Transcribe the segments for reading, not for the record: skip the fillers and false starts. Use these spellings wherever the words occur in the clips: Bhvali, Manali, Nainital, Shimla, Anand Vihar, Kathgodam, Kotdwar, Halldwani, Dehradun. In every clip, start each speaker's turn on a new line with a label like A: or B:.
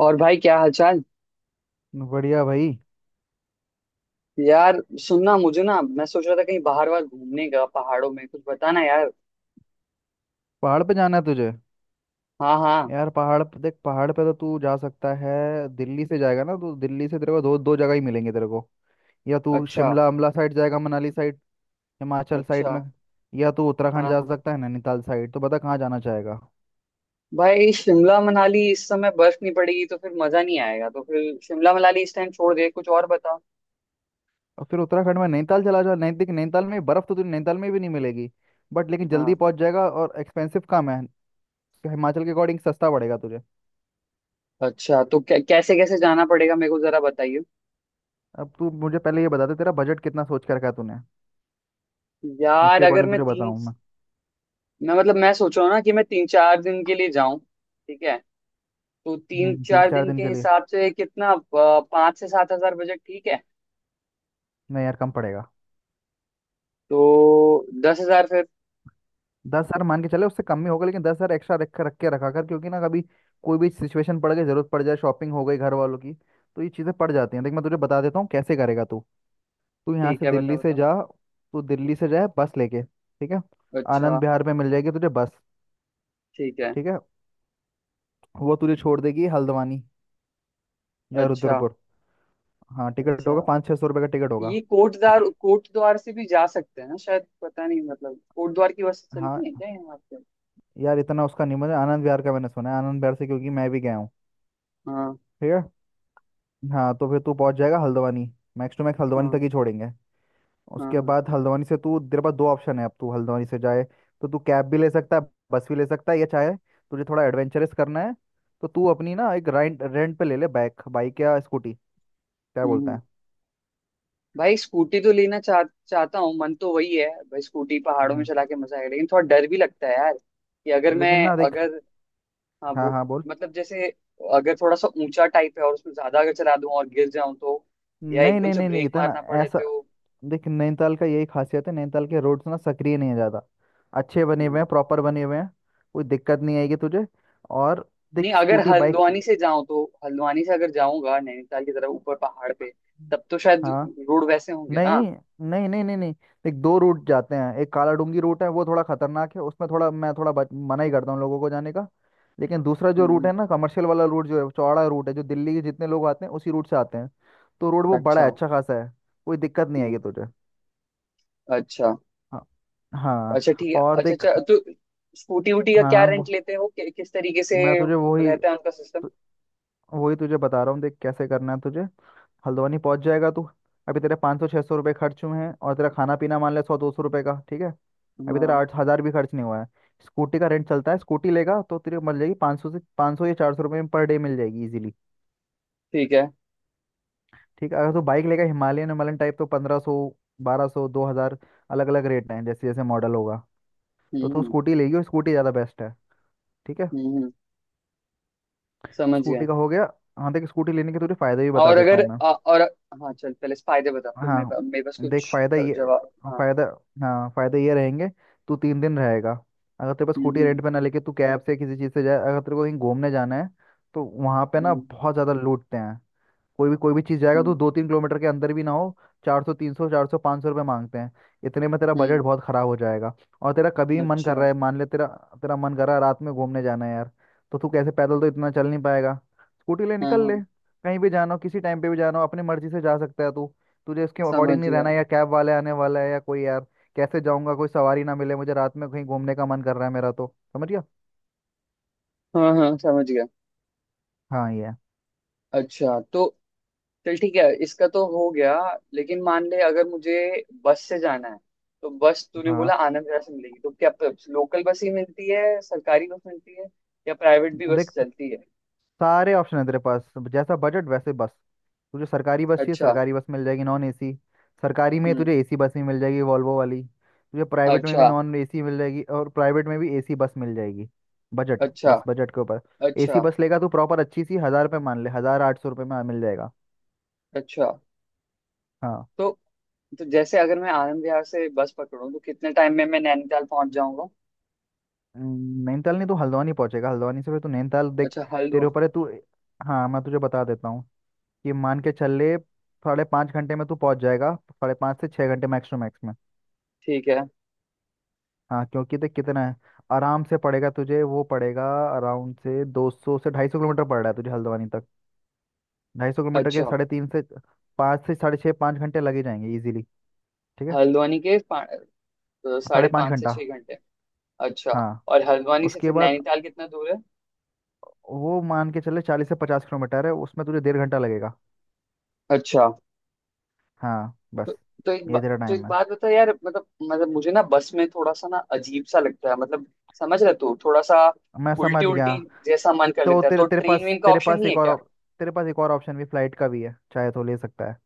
A: और भाई क्या हालचाल।
B: बढ़िया भाई।
A: यार सुनना, मुझे ना मैं सोच रहा था कहीं बाहर वाहर घूमने का, पहाड़ों में कुछ बताना यार।
B: पहाड़ पे जाना है तुझे?
A: हाँ हाँ।
B: यार पहाड़ पे देख, पहाड़ पे तो तू जा सकता है। दिल्ली से जाएगा ना तो दिल्ली से तेरे को दो दो जगह ही मिलेंगे तेरे को। या तू
A: अच्छा।
B: शिमला अम्बला साइड जाएगा, मनाली साइड, हिमाचल साइड
A: अच्छा।
B: में, या तू उत्तराखंड
A: हाँ
B: जा
A: हाँ।
B: सकता है, नैनीताल साइड। तो बता कहाँ जाना चाहेगा।
A: भाई शिमला मनाली इस समय बर्फ नहीं पड़ेगी तो फिर मजा नहीं आएगा, तो फिर शिमला मनाली इस टाइम छोड़ दे, कुछ और बता।
B: और फिर उत्तराखंड में नैनीताल चला जा। नैनी देख, नैनीताल में बर्फ़ तो तुझे नैनीताल में भी नहीं मिलेगी, बट लेकिन जल्दी
A: हाँ।
B: पहुंच जाएगा और एक्सपेंसिव कम है। हिमाचल के अकॉर्डिंग सस्ता पड़ेगा तुझे।
A: अच्छा तो कैसे कैसे जाना पड़ेगा मेरे को, जरा बताइए।
B: अब तू मुझे पहले ये बता दे तेरा बजट कितना सोच के रखा है तूने,
A: यार
B: उसके
A: अगर
B: अकॉर्डिंग
A: मैं
B: तुझे
A: तीन
B: बताऊँ मैं।
A: मैं सोच रहा हूँ ना कि मैं 3-4 दिन के लिए जाऊं, ठीक है? तो तीन
B: तीन
A: चार
B: चार
A: दिन
B: दिन
A: के
B: के लिए?
A: हिसाब से कितना 5 से 7 हज़ार बजट ठीक है?
B: नहीं यार कम पड़ेगा।
A: तो 10 हज़ार फिर।
B: 10 हज़ार मान के चले, उससे कम ही होगा, लेकिन 10 हज़ार एक्स्ट्रा रख रख के रखा कर, क्योंकि ना कभी कोई भी सिचुएशन पड़ गई, जरूरत पड़ जाए, शॉपिंग हो गई घर वालों की, तो ये चीज़ें पड़ जाती हैं। देख मैं तुझे बता देता हूँ कैसे करेगा तू। तू यहाँ
A: ठीक
B: से
A: है, बता
B: दिल्ली से
A: बता।
B: जा। तू दिल्ली से जाए बस लेके, ठीक है।
A: अच्छा
B: आनंद विहार में मिल जाएगी तुझे बस।
A: ठीक है,
B: ठीक है। वो तुझे छोड़ देगी हल्द्वानी या
A: अच्छा
B: रुद्रपुर। हाँ टिकट
A: अच्छा।
B: होगा, 5-6 सौ रुपये का टिकट होगा।
A: ये कोटद्वार, कोटद्वार से भी जा सकते हैं ना शायद, पता नहीं, मतलब कोटद्वार की बस चलती
B: हाँ
A: है क्या यहाँ पे?
B: यार इतना उसका नहीं मुझे, आनंद विहार का मैंने सुना है, आनंद विहार से, क्योंकि मैं भी गया हूँ।
A: हाँ
B: ठीक है। हाँ तो फिर तू पहुंच जाएगा Haldwani. Max to max Haldwani तक
A: हाँ
B: ही छोड़ेंगे।
A: हाँ
B: उसके
A: हाँ।
B: बाद हल्द्वानी से तू, तेरे पास दो ऑप्शन है, अब तू हल्द्वानी से जाए तो तू कैब भी ले सकता है, बस भी ले सकता है, या चाहे तुझे थोड़ा एडवेंचरस करना है तो तू अपनी ना एक रेंट, रेंट पे ले ले बाइक, बाइक या स्कूटी। क्या
A: हम्म
B: बोलता
A: हम्म।
B: है?
A: भाई स्कूटी तो लेना चाह चाहता हूँ, मन तो वही है भाई, स्कूटी पहाड़ों में
B: हम्म,
A: चला के मजा आएगा, लेकिन थोड़ा डर भी लगता है यार। कि अगर मैं
B: लेकिन ना देख।
A: अगर हाँ
B: हाँ
A: वो,
B: हाँ बोल।
A: मतलब जैसे अगर थोड़ा सा ऊंचा टाइप है और उसमें ज्यादा अगर चला दूं और गिर जाऊं तो, या
B: नहीं
A: एकदम
B: नहीं
A: से
B: नहीं नहीं,
A: ब्रेक
B: इतना
A: मारना पड़े
B: ऐसा।
A: तो।
B: देख नैनीताल का यही खासियत है, नैनीताल के रोड्स ना सक्रिय नहीं है ज़्यादा, अच्छे बने हुए
A: हम्म।
B: हैं, प्रॉपर बने हुए हैं। कोई दिक्कत नहीं आएगी तुझे। और
A: नहीं
B: देख
A: अगर
B: स्कूटी बाइक।
A: हल्द्वानी से जाऊं, तो हल्द्वानी से अगर जाऊंगा नैनीताल की तरफ ऊपर पहाड़ पे, तब तो शायद
B: हाँ।
A: रोड वैसे होंगे
B: नहीं
A: ना?
B: नहीं नहीं नहीं नहीं, एक दो रूट जाते हैं। एक काला डूंगी रूट है, वो थोड़ा खतरनाक है, उसमें थोड़ा मैं थोड़ा मना ही करता हूँ लोगों को जाने का। लेकिन दूसरा जो रूट
A: हम्म।
B: है ना कमर्शियल वाला रूट जो है, चौड़ा रूट है, जो दिल्ली के जितने लोग आते हैं उसी रूट से आते हैं। तो रोड वो बड़ा
A: अच्छा।
B: है, अच्छा खासा है। कोई दिक्कत नहीं आएगी
A: हम्म।
B: तुझे।
A: अच्छा।
B: हाँ
A: अच्छा
B: हाँ।
A: ठीक है,
B: और
A: अच्छा
B: देख।
A: अच्छा तो स्कूटी वूटी का
B: हाँ
A: क्या
B: हाँ वो-
A: रेंट लेते हो, किस तरीके से
B: मैं तुझे वही,
A: रहता है उनका सिस्टम?
B: वही तुझे बता रहा हूँ। देख कैसे करना है तुझे। हल्द्वानी पहुंच जाएगा तू। अभी तेरे 5-6 सौ रुपये खर्च हुए हैं, और तेरा खाना पीना मान ले 100-200 रुपये का, ठीक है। अभी तेरा
A: हाँ।
B: 8 हज़ार भी खर्च नहीं हुआ है। स्कूटी का रेंट चलता है, स्कूटी लेगा तो तेरे को मिल जाएगी 500 से, 500 या 400 रुपये में पर डे मिल जाएगी इजीली।
A: ठीक है।
B: ठीक है, अगर तू बाइक लेगा, हिमालयन, हिमालयन टाइप, तो 1500, 1200, 2 हज़ार, अलग अलग रेट हैं जैसे जैसे मॉडल होगा। तो तू
A: हम्म
B: स्कूटी लेगी, और स्कूटी ज़्यादा बेस्ट है। ठीक है,
A: हम्म हम्म, समझ गया।
B: स्कूटी का हो गया। हाँ देख स्कूटी लेने के तुझे फ़ायदे भी बता
A: और
B: देता
A: अगर
B: हूँ मैं।
A: और हाँ, चल पहले फायदे बता, फिर मेरे
B: हाँ
A: पास मेरे पास
B: देख
A: कुछ
B: फायदा ये
A: जवाब। हाँ।
B: फायदा हाँ फायदा ये रहेंगे। तू तीन दिन रहेगा, अगर तेरे पास स्कूटी
A: हम्म।
B: रेंट पे ना लेके तू कैब से किसी चीज़ से जाए, अगर तेरे को कहीं घूमने जाना है, तो वहाँ पे ना
A: हम्म
B: बहुत ज़्यादा लूटते हैं। कोई भी चीज़ जाएगा तो
A: हम्म
B: 2-3 किलोमीटर के अंदर भी ना हो, 400 300 400 500 रुपये मांगते हैं। इतने में तेरा
A: हम्म,
B: बजट बहुत ख़राब हो जाएगा। और तेरा कभी भी मन कर
A: अच्छा।
B: रहा है, मान ले तेरा, तेरा मन कर रहा है रात में घूमने जाना है यार, तो तू कैसे, पैदल तो इतना चल नहीं पाएगा, स्कूटी ले
A: हाँ
B: निकल ले।
A: हाँ
B: कहीं भी जाना हो, किसी टाइम पे भी जाना हो, अपनी मर्जी से जा सकता है तू। तुझे इसके
A: समझ
B: अकॉर्डिंग नहीं रहना
A: गया।
B: है, या कैब वाले आने वाला है, या कोई यार कैसे जाऊंगा, कोई सवारी ना मिले मुझे, रात में कहीं घूमने का मन कर रहा है मेरा तो। समझ गया।
A: हाँ हाँ समझ गया।
B: हाँ ये है।
A: अच्छा तो चल ठीक है, इसका तो हो गया। लेकिन मान ले अगर मुझे बस से जाना है, तो बस तूने बोला
B: हाँ
A: आनंद विहार से मिलेगी, तो क्या लोकल बस ही मिलती है, सरकारी बस मिलती है, या प्राइवेट भी बस
B: देख,
A: चलती है?
B: सारे ऑप्शन है तेरे पास, जैसा बजट वैसे बस। तुझे सरकारी बस चाहिए,
A: अच्छा।
B: सरकारी बस मिल जाएगी नॉन एसी। सरकारी में
A: हम्म।
B: तुझे एसी बस भी मिल जाएगी वॉल्वो वाली, तुझे प्राइवेट में भी
A: अच्छा।
B: नॉन एसी मिल जाएगी, और प्राइवेट में भी एसी बस मिल जाएगी। बजट,
A: अच्छा।
B: बस बजट के ऊपर। एसी
A: अच्छा।
B: बस लेगा तो प्रॉपर अच्छी सी 1 हज़ार रुपये, मान ले 1 हज़ार 800 रुपये में मिल जाएगा।
A: अच्छा
B: हाँ।
A: तो तो जैसे अगर मैं आनंद विहार से बस पकड़ूं, तो कितने टाइम में मैं नैनीताल पहुंच जाऊंगा?
B: नैनीताल नहीं तो हल्द्वानी पहुंचेगा, हल्द्वानी से फिर तू नैनीताल देख,
A: अच्छा
B: तेरे
A: हल्द्वानी।
B: ऊपर है तू। हाँ मैं तुझे बता देता हूँ, कि मान के चल ले, साढ़े 5 घंटे में तू पहुंच जाएगा, साढ़े 5 से 6 घंटे मैक्स टू मैक्स में।
A: ठीक है।
B: हाँ क्योंकि देख कितना है, आराम से पड़ेगा तुझे, वो पड़ेगा अराउंड से 200 से ढाई सौ किलोमीटर पड़ रहा है तुझे हल्द्वानी तक। 250 किलोमीटर के
A: अच्छा।
B: साढ़े 3 से 5 से साढ़े 6, 5 घंटे लगे जाएंगे इजीली। ठीक है।
A: हल्द्वानी के पा- अ,
B: साढ़े
A: साढ़े
B: पाँच
A: पाँच से
B: घंटा
A: छह घंटे अच्छा।
B: हाँ।
A: और हल्द्वानी से
B: उसके
A: फिर
B: बाद
A: नैनीताल कितना दूर है?
B: वो मान के चले 40 से 50 किलोमीटर है, उसमें तुझे डेढ़ घंटा लगेगा।
A: अच्छा।
B: हाँ
A: तो
B: बस।
A: तो एक बा,
B: ये तेरा
A: तो एक
B: टाइम है।
A: बात बता यार, मतलब मुझे ना बस में थोड़ा सा ना अजीब सा लगता है, मतलब समझ रहे तू, थोड़ा सा
B: मैं समझ
A: उल्टी
B: गया।
A: उल्टी जैसा मन कर
B: तो
A: लेता है। तो
B: तेरे
A: ट्रेन वेन का
B: तेरे
A: ऑप्शन
B: पास
A: नहीं है
B: एक और
A: क्या?
B: ऑप- तेरे पास एक और ऑप्शन भी फ्लाइट का भी है, चाहे तो ले सकता है।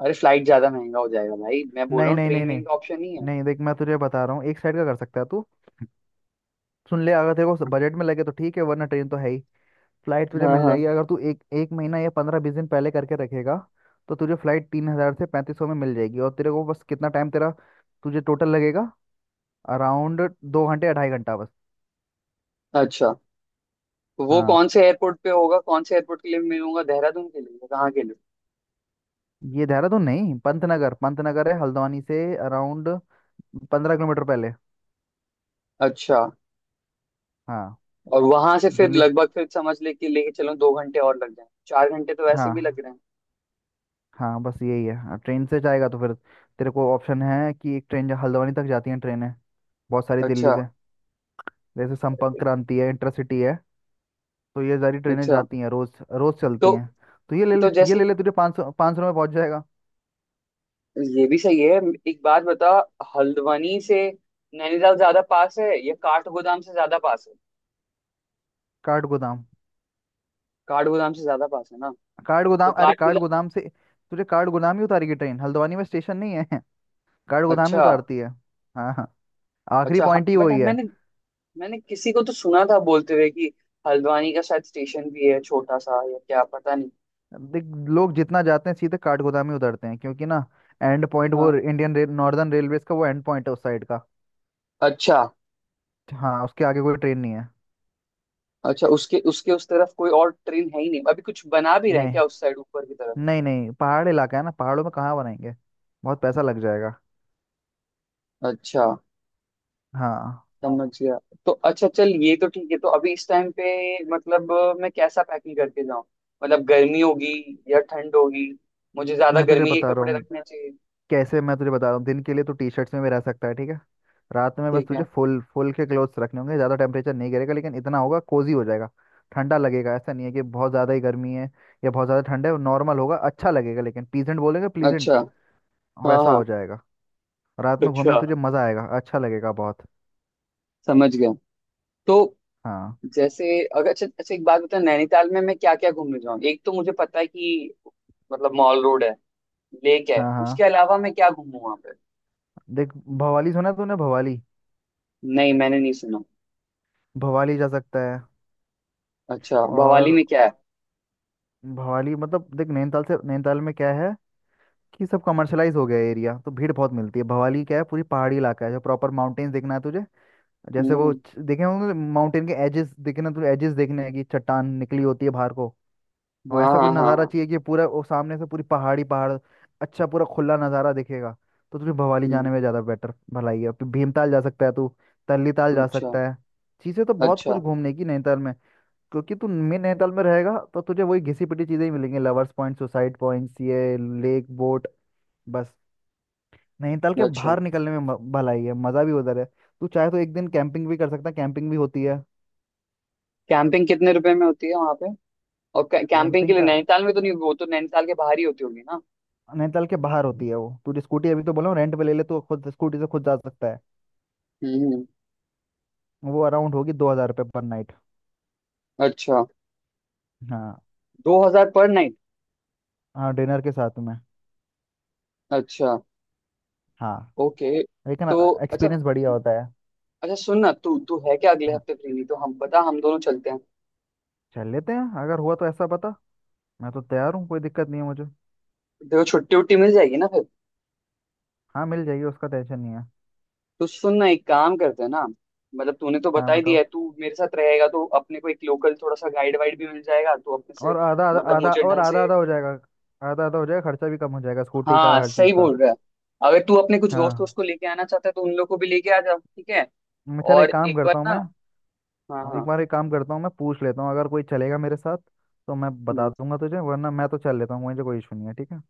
A: अरे फ्लाइट ज्यादा महंगा हो जाएगा भाई, मैं बोल
B: नहीं
A: रहा हूँ
B: नहीं नहीं
A: ट्रेन
B: नहीं
A: वेन का ऑप्शन नहीं है।
B: नहीं, देख मैं तुझे बता रहा हूँ, एक साइड का कर सकता है तू। सुन ले, अगर तेरे को बजट में लगे तो ठीक है, वरना ट्रेन तो है ही। फ्लाइट तुझे
A: हाँ
B: मिल जाएगी
A: हाँ।
B: अगर तू एक एक महीना या 15-20 दिन पहले करके रखेगा, तो तुझे फ्लाइट 3 हज़ार से 3500 में मिल जाएगी। और तेरे को बस कितना टाइम तेरा, तुझे टोटल लगेगा अराउंड 2 घंटे या ढाई घंटा बस।
A: अच्छा वो
B: हाँ
A: कौन से एयरपोर्ट पे होगा, कौन से एयरपोर्ट के लिए मिलूंगा, देहरादून के लिए या कहाँ के लिए?
B: ये देहरादून नहीं, पंतनगर, पंतनगर है हल्द्वानी से अराउंड 15 किलोमीटर पहले।
A: अच्छा।
B: हाँ।
A: और वहां से फिर
B: दिल्ली से-
A: लगभग फिर समझ ले कि लेके चलो 2 घंटे, और लग जाए 4 घंटे तो वैसे भी लग
B: हाँ
A: रहे हैं।
B: हाँ बस यही है। हाँ, ट्रेन से जाएगा तो फिर तेरे को ऑप्शन है कि हल्द्वानी तक जाती है ट्रेनें बहुत सारी दिल्ली
A: अच्छा।
B: से। जैसे संपर्क क्रांति है, इंटरसिटी है, तो ये सारी ट्रेनें
A: अच्छा
B: जाती हैं, रोज रोज
A: तो
B: चलती हैं। तो ये ले ले,
A: तो
B: ये
A: जैसे
B: ले ले, तुझे 500-500 में पहुंच जाएगा।
A: ये भी सही है। एक बात बता, हल्द्वानी से नैनीताल ज्यादा पास है, या काठगोदाम से ज्यादा पास है?
B: काठ गोदाम।
A: काठगोदाम से ज्यादा पास है ना?
B: काठ
A: तो
B: गोदाम अरे काठ
A: काठगोदाम।
B: गोदाम से तुझे काठ गोदाम ही उतारेगी ट्रेन, हल्द्वानी में स्टेशन नहीं है। काठ गोदाम ही
A: अच्छा।
B: उतारती है। हाँ हाँ। आखिरी
A: अच्छा
B: पॉइंट ही
A: बट
B: वही है।
A: मैंने मैंने किसी को तो सुना था बोलते हुए कि हल्द्वानी का शायद स्टेशन भी है छोटा सा, या क्या पता नहीं।
B: देख लोग जितना जाते हैं सीधे काठ गोदाम ही उतरते हैं, क्योंकि ना एंड पॉइंट, वो
A: हाँ।
B: इंडियन रेल नॉर्दर्न रेलवेज का वो एंड पॉइंट है उस साइड का।
A: अच्छा।
B: हाँ उसके आगे कोई ट्रेन नहीं है।
A: अच्छा उसके उसके उस तरफ कोई और ट्रेन है ही नहीं, अभी कुछ बना भी रहे हैं
B: नहीं
A: क्या उस साइड ऊपर की तरफ?
B: नहीं नहीं, पहाड़ इलाका है ना, पहाड़ों में कहाँ बनाएंगे, बहुत पैसा लग जाएगा।
A: अच्छा।
B: हाँ
A: समझ गया। तो अच्छा चल ये तो ठीक है। तो अभी इस टाइम पे मतलब मैं कैसा पैकिंग करके जाऊं, मतलब गर्मी होगी या ठंड होगी, मुझे ज्यादा
B: मैं तुझे
A: गर्मी के
B: बता रहा
A: कपड़े
B: हूँ
A: रखने चाहिए?
B: कैसे, मैं तुझे बता रहा हूँ, दिन के लिए तो टी शर्ट्स में भी रह सकता है, ठीक है। रात में बस
A: ठीक
B: तुझे
A: है।
B: फुल फुल के क्लोथ्स रखने होंगे, ज़्यादा टेम्परेचर नहीं गिरेगा लेकिन इतना होगा, कोजी हो जाएगा। ठंडा लगेगा, ऐसा नहीं है कि बहुत ज़्यादा ही गर्मी है या बहुत ज़्यादा ठंड है। नॉर्मल होगा, अच्छा लगेगा, लेकिन प्लीजेंट बोलेंगे, प्लीजेंट
A: अच्छा। हाँ
B: वैसा
A: हाँ।
B: हो जाएगा। रात में घूमने
A: अच्छा,
B: तुझे मज़ा आएगा, अच्छा लगेगा बहुत।
A: समझ गया। तो
B: हाँ
A: जैसे अगर, अच्छा अच्छा, एक बात बता, नैनीताल में मैं क्या क्या घूमने जाऊँ? एक तो मुझे पता है कि मतलब मॉल रोड है, लेक है,
B: हाँ। हाँ
A: उसके अलावा मैं क्या घूमूं वहां पे?
B: देख, भवाली सुना है तूने? भवाली।
A: नहीं मैंने नहीं सुना।
B: भवाली जा सकता है।
A: अच्छा भवाली
B: और
A: में क्या है?
B: भवाली मतलब देख नैनीताल से, नैनीताल में क्या है कि सब कमर्शलाइज हो गया एरिया, तो भीड़ बहुत मिलती है। भवाली क्या है, पूरी पहाड़ी इलाका है। जो प्रॉपर माउंटेन्स देखना है तुझे, जैसे वो
A: हम्म।
B: देखे होंगे माउंटेन के एजेस, देखे ना, तुझे एजेस देखने हैं, कि चट्टान निकली होती है बाहर को, और
A: हाँ
B: ऐसा कुछ
A: हाँ हाँ
B: नज़ारा
A: हाँ।
B: चाहिए कि पूरा वो सामने से पूरी पहाड़ी पहाड़, अच्छा पूरा खुला नज़ारा दिखेगा। तो तुझे भवाली
A: हम्म।
B: जाने में ज़्यादा बेटर, भलाई है। फिर भीमताल जा सकता है तू, तल्ली ताल जा
A: अच्छा।
B: सकता है। चीज़ें तो बहुत कुछ
A: अच्छा।
B: घूमने की नैनीताल में, क्योंकि तू मेन नैनीताल में रहेगा तो तुझे वही घिसी पिटी चीज़ें ही मिलेंगी, लवर्स पॉइंट, सुसाइड पॉइंट्स, ये, लेक, बोट, बस। नैनीताल के
A: अच्छा
B: बाहर निकलने में भलाई है, मज़ा भी उधर है। तू चाहे तो एक दिन कैंपिंग भी कर सकता है, कैंपिंग भी होती है।
A: कैंपिंग कितने रुपए में होती है वहां पे? और कैंपिंग के
B: कैंपिंग
A: लिए
B: का,
A: नैनीताल में तो नहीं होगी, वो तो नैनीताल के बाहर ही होती होगी ना?
B: नैनीताल के बाहर होती है वो, तू स्कूटी अभी तो बोला हूँ रेंट पे ले ले, तो खुद स्कूटी से खुद जा सकता है।
A: हम्म।
B: वो अराउंड होगी 2 हज़ार रुपये पर नाइट।
A: अच्छा।
B: हाँ
A: 2,000 पर नाइट?
B: हाँ डिनर के साथ में।
A: अच्छा।
B: हाँ।
A: ओके।
B: लेकिन
A: तो अच्छा
B: एक्सपीरियंस बढ़िया होता है।
A: अच्छा, सुन ना तू तू है क्या अगले
B: हाँ
A: हफ्ते फ्री? नहीं तो हम पता, हम दोनों चलते हैं।
B: चल लेते हैं, अगर हुआ तो ऐसा बता। मैं तो तैयार हूँ, कोई दिक्कत नहीं है मुझे।
A: देखो छुट्टी उट्टी मिल जाएगी ना फिर।
B: हाँ मिल जाएगी, उसका टेंशन नहीं है।
A: तो सुन ना, एक काम करते हैं ना, मतलब तूने तो
B: हाँ
A: बता ही दिया
B: बताओ।
A: है तू मेरे साथ रहेगा, तो अपने को एक लोकल थोड़ा सा गाइड वाइड भी मिल जाएगा तो अपने से।
B: और आधा आधा,
A: मतलब
B: आधा
A: मुझे
B: और
A: ढंग
B: आधा,
A: से।
B: आधा हो जाएगा। आधा आधा हो जाएगा, खर्चा भी कम हो जाएगा, स्कूटी का,
A: हाँ
B: हर चीज़
A: सही
B: का।
A: बोल रहा है। अगर तू अपने कुछ दोस्त
B: हाँ।
A: उसको लेके आना चाहता है तो उन लोग को भी लेके आ जा ठीक है।
B: मैं, चल
A: और
B: एक काम
A: एक बार
B: करता हूँ
A: ना,
B: मैं,
A: हाँ
B: एक
A: हाँ।
B: बार एक काम करता हूँ मैं, पूछ लेता हूँ अगर कोई चलेगा मेरे साथ तो मैं बता
A: हम्म,
B: दूंगा तुझे, वरना मैं तो चल लेता हूँ, मुझे कोई इशू नहीं है। ठीक है।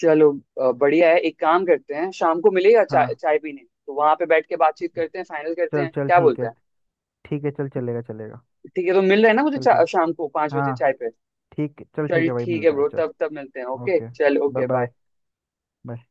A: चलो बढ़िया है, एक काम करते हैं, शाम को मिलेगा चाय
B: हाँ
A: चाय पीने तो वहां पे बैठ के बातचीत करते हैं, फाइनल करते
B: चल
A: हैं,
B: चल
A: क्या
B: ठीक
A: बोलता
B: है,
A: है?
B: ठीक है चल, चलेगा चलेगा।
A: ठीक है तो मिल रहा है ना मुझे,
B: चल ठीक।
A: शाम को 5 बजे
B: हाँ
A: चाय पे।
B: ठीक, चल ठीक
A: चल
B: है भाई,
A: ठीक है
B: मिलते हैं,
A: ब्रो,
B: चल।
A: तब तब मिलते हैं, ओके
B: ओके।
A: चल, ओके
B: बाय।
A: बाय।
B: बाय।